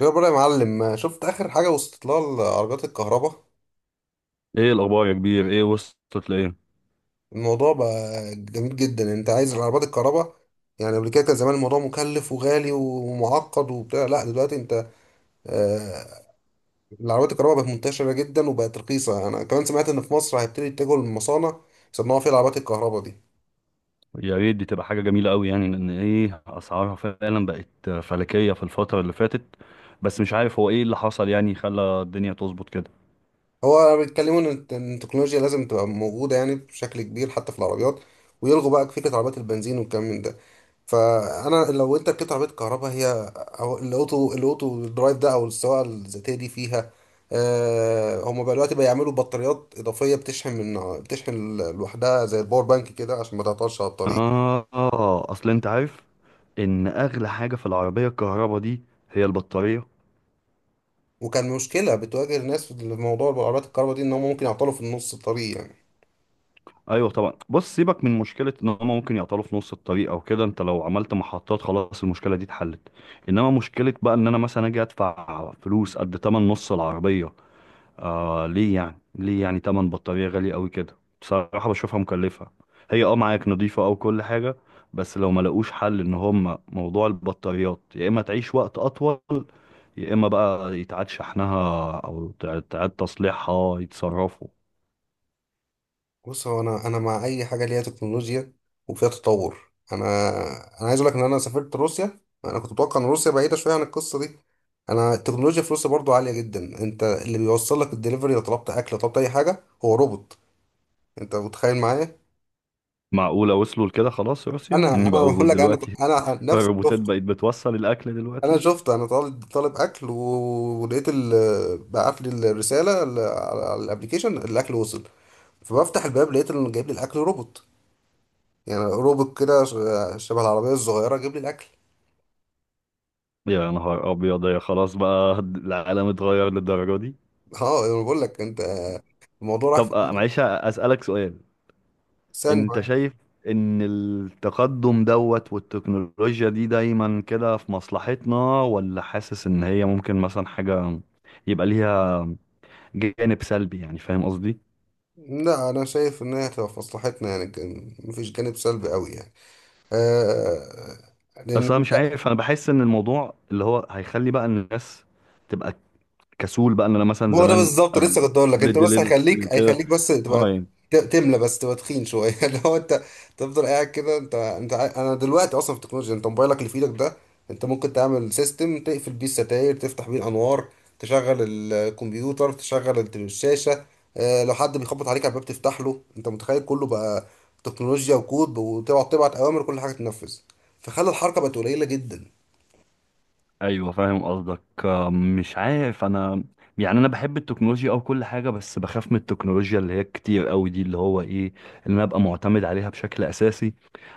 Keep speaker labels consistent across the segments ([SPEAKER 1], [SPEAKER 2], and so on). [SPEAKER 1] خبرة يا معلم، شفت آخر حاجة وصلت لها العربيات الكهرباء؟
[SPEAKER 2] ايه الاخبار يا كبير؟ ايه وصلت لايه؟
[SPEAKER 1] الموضوع بقى جميل جدا. يعني انت عايز العربيات الكهرباء، يعني قبل كده كان زمان الموضوع مكلف وغالي ومعقد وبتاع، لا دلوقتي انت، آه العربيات الكهرباء بقت منتشرة جدا وبقت رخيصة. انا كمان سمعت ان في مصر هيبتدي يتجهوا للمصانع يصنعوا فيها العربيات الكهرباء دي.
[SPEAKER 2] يا ريت دي تبقى حاجه جميله قوي، يعني لان ايه اسعارها فعلا بقت فلكيه في الفتره اللي فاتت. بس مش عارف هو ايه اللي حصل يعني خلى الدنيا تظبط كده.
[SPEAKER 1] هو بيتكلموا ان إن التكنولوجيا لازم تبقى موجوده يعني بشكل كبير حتى في العربيات، ويلغوا بقى فكره عربيات البنزين والكلام من ده. فانا لو انت ركبت عربيه كهرباء، هي او الاوتو درايف ده، او السواقه الذاتيه دي فيها، هم بقى دلوقتي بيعملوا بطاريات اضافيه بتشحن بتشحن لوحدها زي الباور بانك كده عشان ما تعطلش على الطريق.
[SPEAKER 2] اه. اصل انت عارف ان اغلى حاجه في العربيه الكهرباء دي هي البطاريه.
[SPEAKER 1] وكان مشكله بتواجه الناس في الموضوع بالعربيات الكهرباء دي ان هم ممكن يعطلوا في النص الطريق يعني.
[SPEAKER 2] ايوه طبعا، بص سيبك من مشكله ان هم ممكن يعطلوا في نص الطريق او كده، انت لو عملت محطات خلاص المشكله دي اتحلت. انما مشكله بقى ان انا مثلا اجي ادفع فلوس قد تمن نص العربيه. آه، ليه يعني تمن بطارية غالي قوي كده، بصراحة بشوفها مكلفة. هي معاك نظيفة او كل حاجة، بس لو ما لقوش حل ان هم موضوع البطاريات يا اما تعيش وقت اطول يا اما بقى يتعاد شحنها او تعاد تصليحها يتصرفوا.
[SPEAKER 1] بص، هو انا مع اي حاجه ليها تكنولوجيا وفيها تطور. انا عايز اقول لك ان انا سافرت روسيا، انا كنت متوقع ان روسيا بعيده شويه عن القصه دي. انا التكنولوجيا في روسيا برضو عاليه جدا، انت اللي بيوصل لك الدليفري لو طلبت اكل لو طلبت اي حاجه هو روبوت. انت متخيل معايا؟
[SPEAKER 2] معقولة وصلوا لكده؟ خلاص روسيا
[SPEAKER 1] انا
[SPEAKER 2] يعني بقوا
[SPEAKER 1] بقول لك، انا
[SPEAKER 2] دلوقتي؟
[SPEAKER 1] انا نفسي
[SPEAKER 2] الروبوتات
[SPEAKER 1] شفته.
[SPEAKER 2] بقت بتوصل الاكل
[SPEAKER 1] انا
[SPEAKER 2] دلوقتي؟
[SPEAKER 1] شفته، انا طالب اكل ولقيت بعت لي الرساله على الابلكيشن الاكل وصل. فبفتح الباب لقيت انه جايب لي الاكل روبوت. يعني روبوت كده شبه العربية الصغيرة، جيب لي الأكل.
[SPEAKER 2] يا نهار ابيض، يا خلاص بقى العالم اتغير للدرجة دي.
[SPEAKER 1] اه أنا بقول لك أنت، الموضوع راح في
[SPEAKER 2] طب معلش اسألك سؤال. انت
[SPEAKER 1] ثانية.
[SPEAKER 2] شايف ان التقدم دوت والتكنولوجيا دي دايما كده في مصلحتنا، ولا حاسس ان هي ممكن مثلا حاجة يبقى ليها جانب سلبي؟ يعني فاهم قصدي؟
[SPEAKER 1] لا، أنا شايف إن هي هتبقى في مصلحتنا، يعني كان مفيش جانب سلبي أوي يعني. آه
[SPEAKER 2] بس انا
[SPEAKER 1] لأن،
[SPEAKER 2] مش عارف، انا بحس ان الموضوع اللي هو هيخلي بقى الناس تبقى كسول، بقى ان انا مثلا
[SPEAKER 1] هو ده
[SPEAKER 2] زمان
[SPEAKER 1] بالظبط. لسه
[SPEAKER 2] قبل
[SPEAKER 1] كنت اقول لك
[SPEAKER 2] قبل
[SPEAKER 1] انت، بس
[SPEAKER 2] الدليفري
[SPEAKER 1] هيخليك
[SPEAKER 2] وكده
[SPEAKER 1] هيخليك بس
[SPEAKER 2] اه
[SPEAKER 1] تبقى،
[SPEAKER 2] يعني.
[SPEAKER 1] تملى بس تبقى تخين شويه. اللي هو انت تفضل قاعد كده. انا دلوقتي اصلا في التكنولوجيا، انت موبايلك اللي في ايدك ده انت ممكن تعمل سيستم تقفل بيه الستاير، تفتح بيه الانوار، تشغل الكمبيوتر، تشغل الشاشه. اه، لو حد بيخبط عليك على الباب تفتح له. انت متخيل؟ كله بقى تكنولوجيا وكود، وتقعد تبعت اوامر كل حاجه تنفذ، فخلى الحركه بقت قليله جدا.
[SPEAKER 2] ايوه فاهم قصدك. مش عارف انا يعني، انا بحب التكنولوجيا او كل حاجه، بس بخاف من التكنولوجيا اللي هي كتير قوي دي، اللي هو ايه، اللي انا ابقى معتمد عليها بشكل اساسي.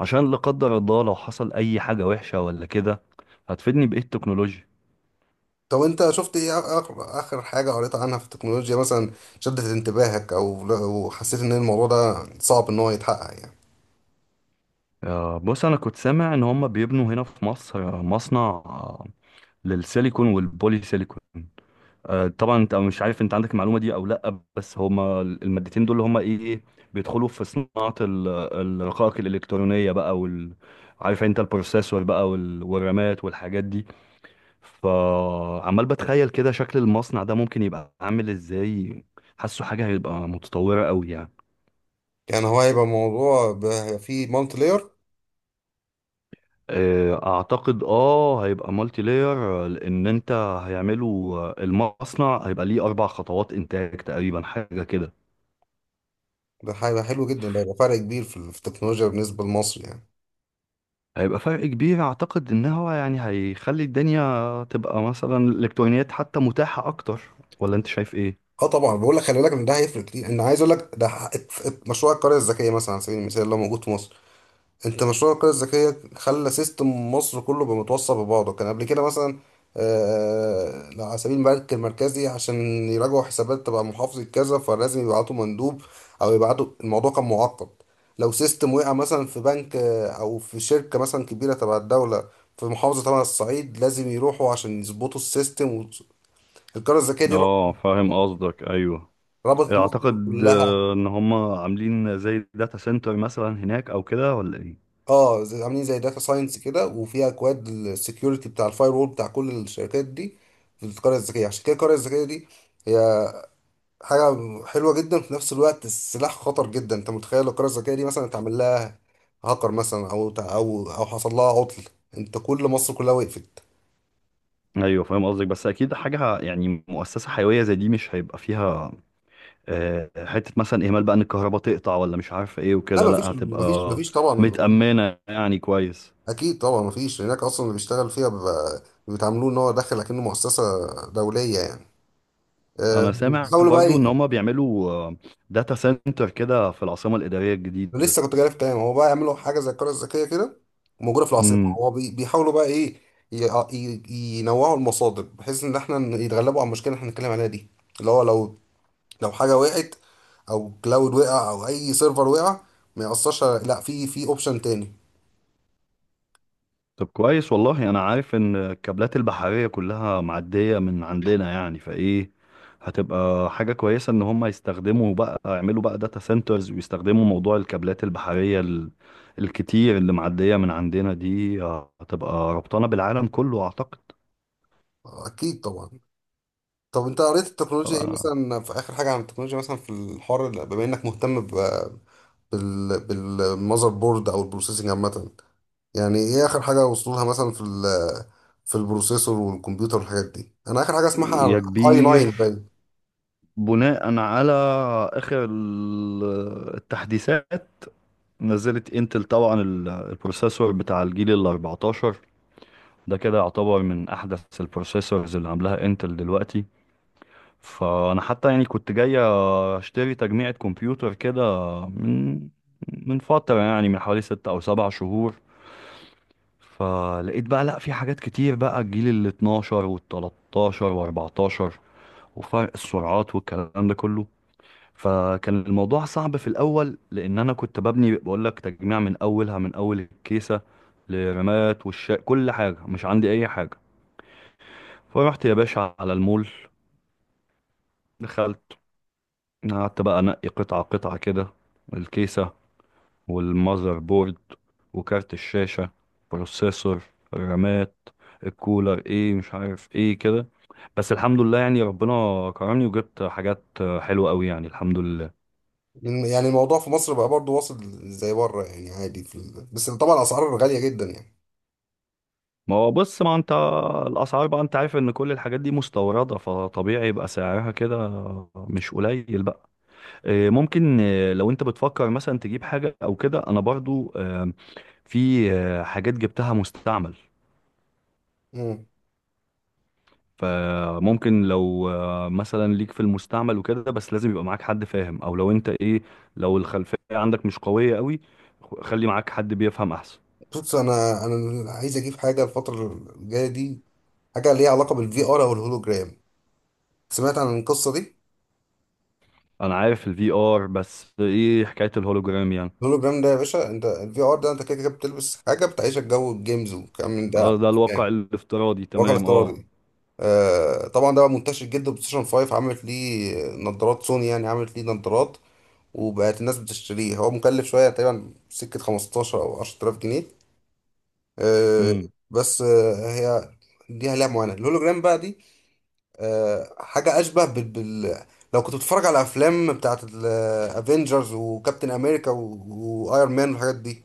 [SPEAKER 2] عشان لا قدر الله لو حصل اي حاجه وحشه ولا كده، هتفيدني بايه التكنولوجيا؟
[SPEAKER 1] طب انت شفت ايه اخر حاجة قريت عنها في التكنولوجيا مثلا، شدت انتباهك او حسيت ان الموضوع ده صعب ان هو يتحقق يعني؟
[SPEAKER 2] بص انا كنت سامع ان هم بيبنوا هنا في مصر مصنع، للسيليكون والبولي سيليكون. طبعا انت مش عارف انت عندك المعلومه دي او لا، بس هما المادتين دول هما ايه إيه، بيدخلوا في صناعه الرقائق الالكترونيه بقى، وال عارف انت البروسيسور بقى والرامات والحاجات دي. فعمال بتخيل كده شكل المصنع ده ممكن يبقى عامل ازاي، حاسه حاجه هيبقى متطوره قوي يعني.
[SPEAKER 1] يعني هو هيبقى هيبقى فيه مالتي لاير.
[SPEAKER 2] اعتقد هيبقى مالتي لاير، لان انت هيعملوا المصنع هيبقى ليه 4 خطوات انتاج تقريبا، حاجه كده.
[SPEAKER 1] ده هيبقى حلو جدا، ده هيبقى فرق كبير في في التكنولوجيا بالنسبة لمصر يعني.
[SPEAKER 2] هيبقى فرق كبير. اعتقد ان هو يعني هيخلي الدنيا تبقى مثلا الالكترونيات حتى متاحة اكتر. ولا انت شايف ايه؟
[SPEAKER 1] اه طبعا بقول لك، خلي بالك ان ده هيفرق كتير. عايز اقول لك ده مشروع القرية الذكية مثلا على سبيل المثال اللي هو موجود في مصر. انت مشروع القرية الذكية خلى سيستم مصر كله بقى متوصل ببعضه. كان قبل كده مثلا، على سبيل البنك المركزي، عشان يراجعوا حسابات تبع محافظة كذا فلازم يبعتوا مندوب او يبعتوا، الموضوع كان معقد. لو سيستم وقع مثلا في بنك، او في شركة مثلا كبيرة تبع الدولة في محافظة تبع الصعيد، لازم يروحوا عشان يظبطوا السيستم. والقرية الذكية دي
[SPEAKER 2] اه فاهم قصدك، ايوه.
[SPEAKER 1] ربطت مصر
[SPEAKER 2] اعتقد
[SPEAKER 1] كلها.
[SPEAKER 2] ان هم عاملين زي داتا سنتر مثلا هناك او كده، ولا ايه؟
[SPEAKER 1] اه عاملين زي داتا ساينس كده، وفيها اكواد السكيورتي بتاع الفاير وول بتاع كل الشركات دي في القريه الذكيه. عشان كده القريه الذكيه دي هي حاجه حلوه جدا، في نفس الوقت السلاح خطر جدا. انت متخيل لو القريه الذكيه دي مثلا اتعمل لها هاكر مثلا او او حصل لها عطل، انت كل مصر كلها وقفت.
[SPEAKER 2] ايوه فاهم قصدك، بس اكيد حاجه يعني مؤسسه حيويه زي دي مش هيبقى فيها حته مثلا اهمال بقى ان الكهرباء تقطع، ولا مش عارف ايه
[SPEAKER 1] لا،
[SPEAKER 2] وكده، لا هتبقى
[SPEAKER 1] مفيش طبعا.
[SPEAKER 2] متامنه يعني كويس.
[SPEAKER 1] اكيد طبعا مفيش، هناك اصلا اللي بيشتغل فيها بيبقى بيتعاملوه ان هو داخل اكنه مؤسسه دوليه يعني.
[SPEAKER 2] انا سامع
[SPEAKER 1] بيحاولوا
[SPEAKER 2] برضو ان
[SPEAKER 1] بقى.
[SPEAKER 2] هما بيعملوا داتا سنتر كده في العاصمة الإدارية الجديدة.
[SPEAKER 1] لسه كنت جاي في كلام، هو بقى يعملوا حاجه زي القريه الذكيه كده وموجوده في العاصمه.
[SPEAKER 2] امم.
[SPEAKER 1] هو بيحاولوا بقى ايه، ينوعوا المصادر بحيث ان يتغلبوا على المشكله اللي احنا بنتكلم عليها دي، اللي هو لو حاجه وقعت، او كلاود وقع، او اي سيرفر وقع، ما ياثرش على- لا في اوبشن تاني.
[SPEAKER 2] طب كويس والله. انا عارف ان الكابلات البحرية كلها معدية من عندنا، يعني فايه هتبقى حاجة كويسة ان هما يستخدموا بقى، يعملوا بقى داتا سنترز، ويستخدموا موضوع الكابلات البحرية الكتير اللي معدية من عندنا دي. هتبقى ربطانة بالعالم كله اعتقد.
[SPEAKER 1] اكيد طبعا. طب انت قريت التكنولوجيا ايه
[SPEAKER 2] آه،
[SPEAKER 1] مثلا في اخر حاجه عن التكنولوجيا مثلا في الحوار بما انك مهتم ب بالمذر بورد او البروسيسنج عامه؟ يعني ايه اخر حاجه وصلوا لها مثلا في في البروسيسور والكمبيوتر والحاجات دي؟ انا اخر حاجه
[SPEAKER 2] يا
[SPEAKER 1] اسمعها اي
[SPEAKER 2] كبير،
[SPEAKER 1] i9 باين.
[SPEAKER 2] بناء على اخر التحديثات، نزلت انتل طبعا البروسيسور بتاع الجيل ال 14. ده كده يعتبر من احدث البروسيسورز اللي عاملاها انتل دلوقتي. فانا حتى يعني كنت جاي اشتري تجميعة كمبيوتر كده، من من فترة يعني، من حوالي 6 او 7 شهور. فلقيت بقى لا، في حاجات كتير بقى، الجيل ال 12 وال 13 و 14، وفرق السرعات والكلام ده كله. فكان الموضوع صعب في الاول، لان انا كنت ببني بقول لك تجميع من اولها، من اول الكيسه لرمات والشا، كل حاجه مش عندي اي حاجه. فرحت يا باشا على المول، دخلت، قعدت بقى انقي قطعه قطعه كده: الكيسه، والمذر بورد، وكارت الشاشه، بروسيسور، الرامات، الكولر، ايه مش عارف ايه كده. بس الحمد لله، يعني ربنا كرمني وجبت حاجات حلوه قوي يعني، الحمد لله.
[SPEAKER 1] لأن يعني الموضوع في مصر بقى برضو واصل زي بره يعني عادي في ال... بس طبعا الاسعار غاليه جدا يعني.
[SPEAKER 2] ما هو بص، ما انت الاسعار بقى انت عارف ان كل الحاجات دي مستورده، فطبيعي يبقى سعرها كده مش قليل بقى. ممكن لو انت بتفكر مثلا تجيب حاجه او كده، انا برضو في حاجات جبتها مستعمل.
[SPEAKER 1] امم
[SPEAKER 2] فممكن لو مثلا ليك في المستعمل وكده، بس لازم يبقى معاك حد فاهم، او لو انت لو الخلفيه عندك مش قويه قوي، خلي معاك حد بيفهم احسن.
[SPEAKER 1] بص، انا عايز اجيب حاجه الفتره الجايه دي، حاجه ليها علاقه بالفي ار او الهولوجرام. سمعت عن القصه دي؟
[SPEAKER 2] انا عارف الفي ار، بس ايه حكايه الهولوجرام يعني؟
[SPEAKER 1] الهولوجرام ده يا باشا، انت الفي ار ده انت كده كده بتلبس حاجه بتعيشك جو الجيمز والكلام من ده،
[SPEAKER 2] خلاص ده الواقع
[SPEAKER 1] يعني
[SPEAKER 2] الافتراضي،
[SPEAKER 1] واقع
[SPEAKER 2] تمام، اه.
[SPEAKER 1] الافتراضي. طبعا ده بقى منتشر جدا، بلاي ستيشن 5 عملت ليه نظارات، سوني يعني عملت ليه نظارات وبقت الناس بتشتريه. هو مكلف شويه، تقريبا سكه 15 او 10000 جنيه. آه،
[SPEAKER 2] امم.
[SPEAKER 1] بس آه، هي لها معاناه. الهولوجرام بقى دي، حاجه اشبه بال... بال... لو كنت بتتفرج على افلام بتاعت الافينجرز وكابتن امريكا وايرون مان والحاجات دي،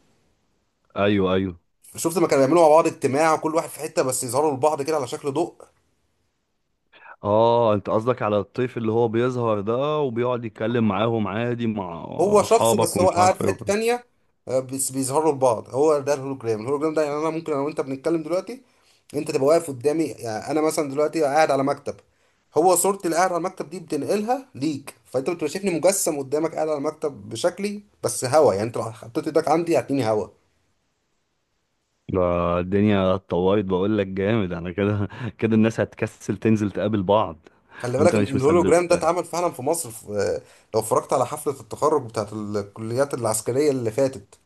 [SPEAKER 2] ايوه، ايوه.
[SPEAKER 1] شفت ما كانوا بيعملوا مع بعض اجتماع وكل واحد في حته، بس يظهروا لبعض كده على شكل ضوء؟
[SPEAKER 2] اه انت قصدك على الطيف اللي هو بيظهر ده، وبيقعد يتكلم معاهم عادي مع
[SPEAKER 1] هو شخصه،
[SPEAKER 2] اصحابك
[SPEAKER 1] بس هو
[SPEAKER 2] ومش
[SPEAKER 1] قاعد
[SPEAKER 2] عارف
[SPEAKER 1] في
[SPEAKER 2] ايه
[SPEAKER 1] حتة
[SPEAKER 2] وكده.
[SPEAKER 1] تانية. بس بيظهروا لبعض، هو ده الهولوجرام. الهولوجرام ده يعني انا ممكن انا وانت بنتكلم دلوقتي، انت تبقى واقف قدامي. يعني انا مثلا دلوقتي قاعد على مكتب، هو صورتي اللي قاعد على المكتب دي بتنقلها ليك، فانت بتبقى شايفني مجسم قدامك قاعد على المكتب بشكلي، بس هوا يعني، انت لو حطيت ايدك عندي هتلاقيني هوا.
[SPEAKER 2] ده الدنيا اتطورت، بقول لك جامد انا كده، كده الناس هتكسل تنزل تقابل بعض.
[SPEAKER 1] خلي بالك
[SPEAKER 2] وانت
[SPEAKER 1] ان
[SPEAKER 2] مش مصدق.
[SPEAKER 1] الهولوجرام ده اتعمل فعلا في مصر في لو اتفرجت على حفلة التخرج بتاعت الكليات العسكرية اللي فاتت،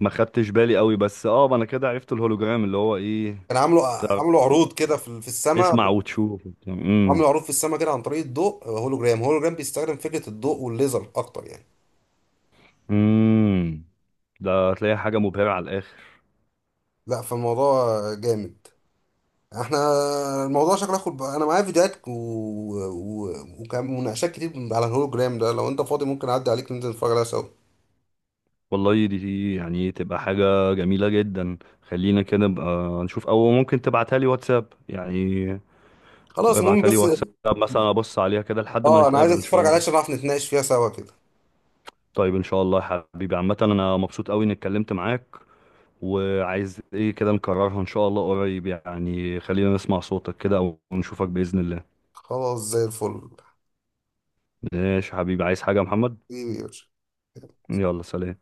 [SPEAKER 2] ما خدتش بالي قوي، بس اه ما انا كده عرفت الهولوجرام اللي هو ايه.
[SPEAKER 1] كان
[SPEAKER 2] تعرف
[SPEAKER 1] عاملوا عروض كده في
[SPEAKER 2] اسمع
[SPEAKER 1] السماء.
[SPEAKER 2] وتشوف.
[SPEAKER 1] عامل
[SPEAKER 2] امم.
[SPEAKER 1] معروف في السما كده عن طريق الضوء. هولوجرام، بيستخدم فكرة الضوء والليزر أكتر يعني.
[SPEAKER 2] امم. ده هتلاقي حاجة مبهرة على الاخر.
[SPEAKER 1] لا فالموضوع جامد. احنا الموضوع شكله انا معايا فيديوهات و... وكان مناقشات كتير على الهولوجرام ده. لو انت فاضي ممكن اعدي عليك ننزل نتفرج عليها سوا.
[SPEAKER 2] والله دي يعني تبقى حاجة جميلة جدا، خلينا كده نبقى نشوف، أو ممكن تبعتها لي واتساب يعني.
[SPEAKER 1] خلاص، المهم
[SPEAKER 2] ابعتها لي
[SPEAKER 1] بس،
[SPEAKER 2] واتساب، مثلا أبص عليها كده لحد ما
[SPEAKER 1] اه انا عايز
[SPEAKER 2] نتقابل إن شاء
[SPEAKER 1] اتفرج عليها
[SPEAKER 2] الله.
[SPEAKER 1] عشان نعرف نتناقش فيها سوا كده.
[SPEAKER 2] طيب إن شاء الله يا حبيبي، عامة أنا مبسوط أوي إني اتكلمت معاك، وعايز إيه كده نكررها إن شاء الله قريب، يعني خلينا نسمع صوتك كده أو نشوفك بإذن الله.
[SPEAKER 1] خلاص زي الفل.
[SPEAKER 2] ماشي يا حبيبي، عايز حاجة يا محمد؟
[SPEAKER 1] حبيبي يا باشا.
[SPEAKER 2] يلا سلام.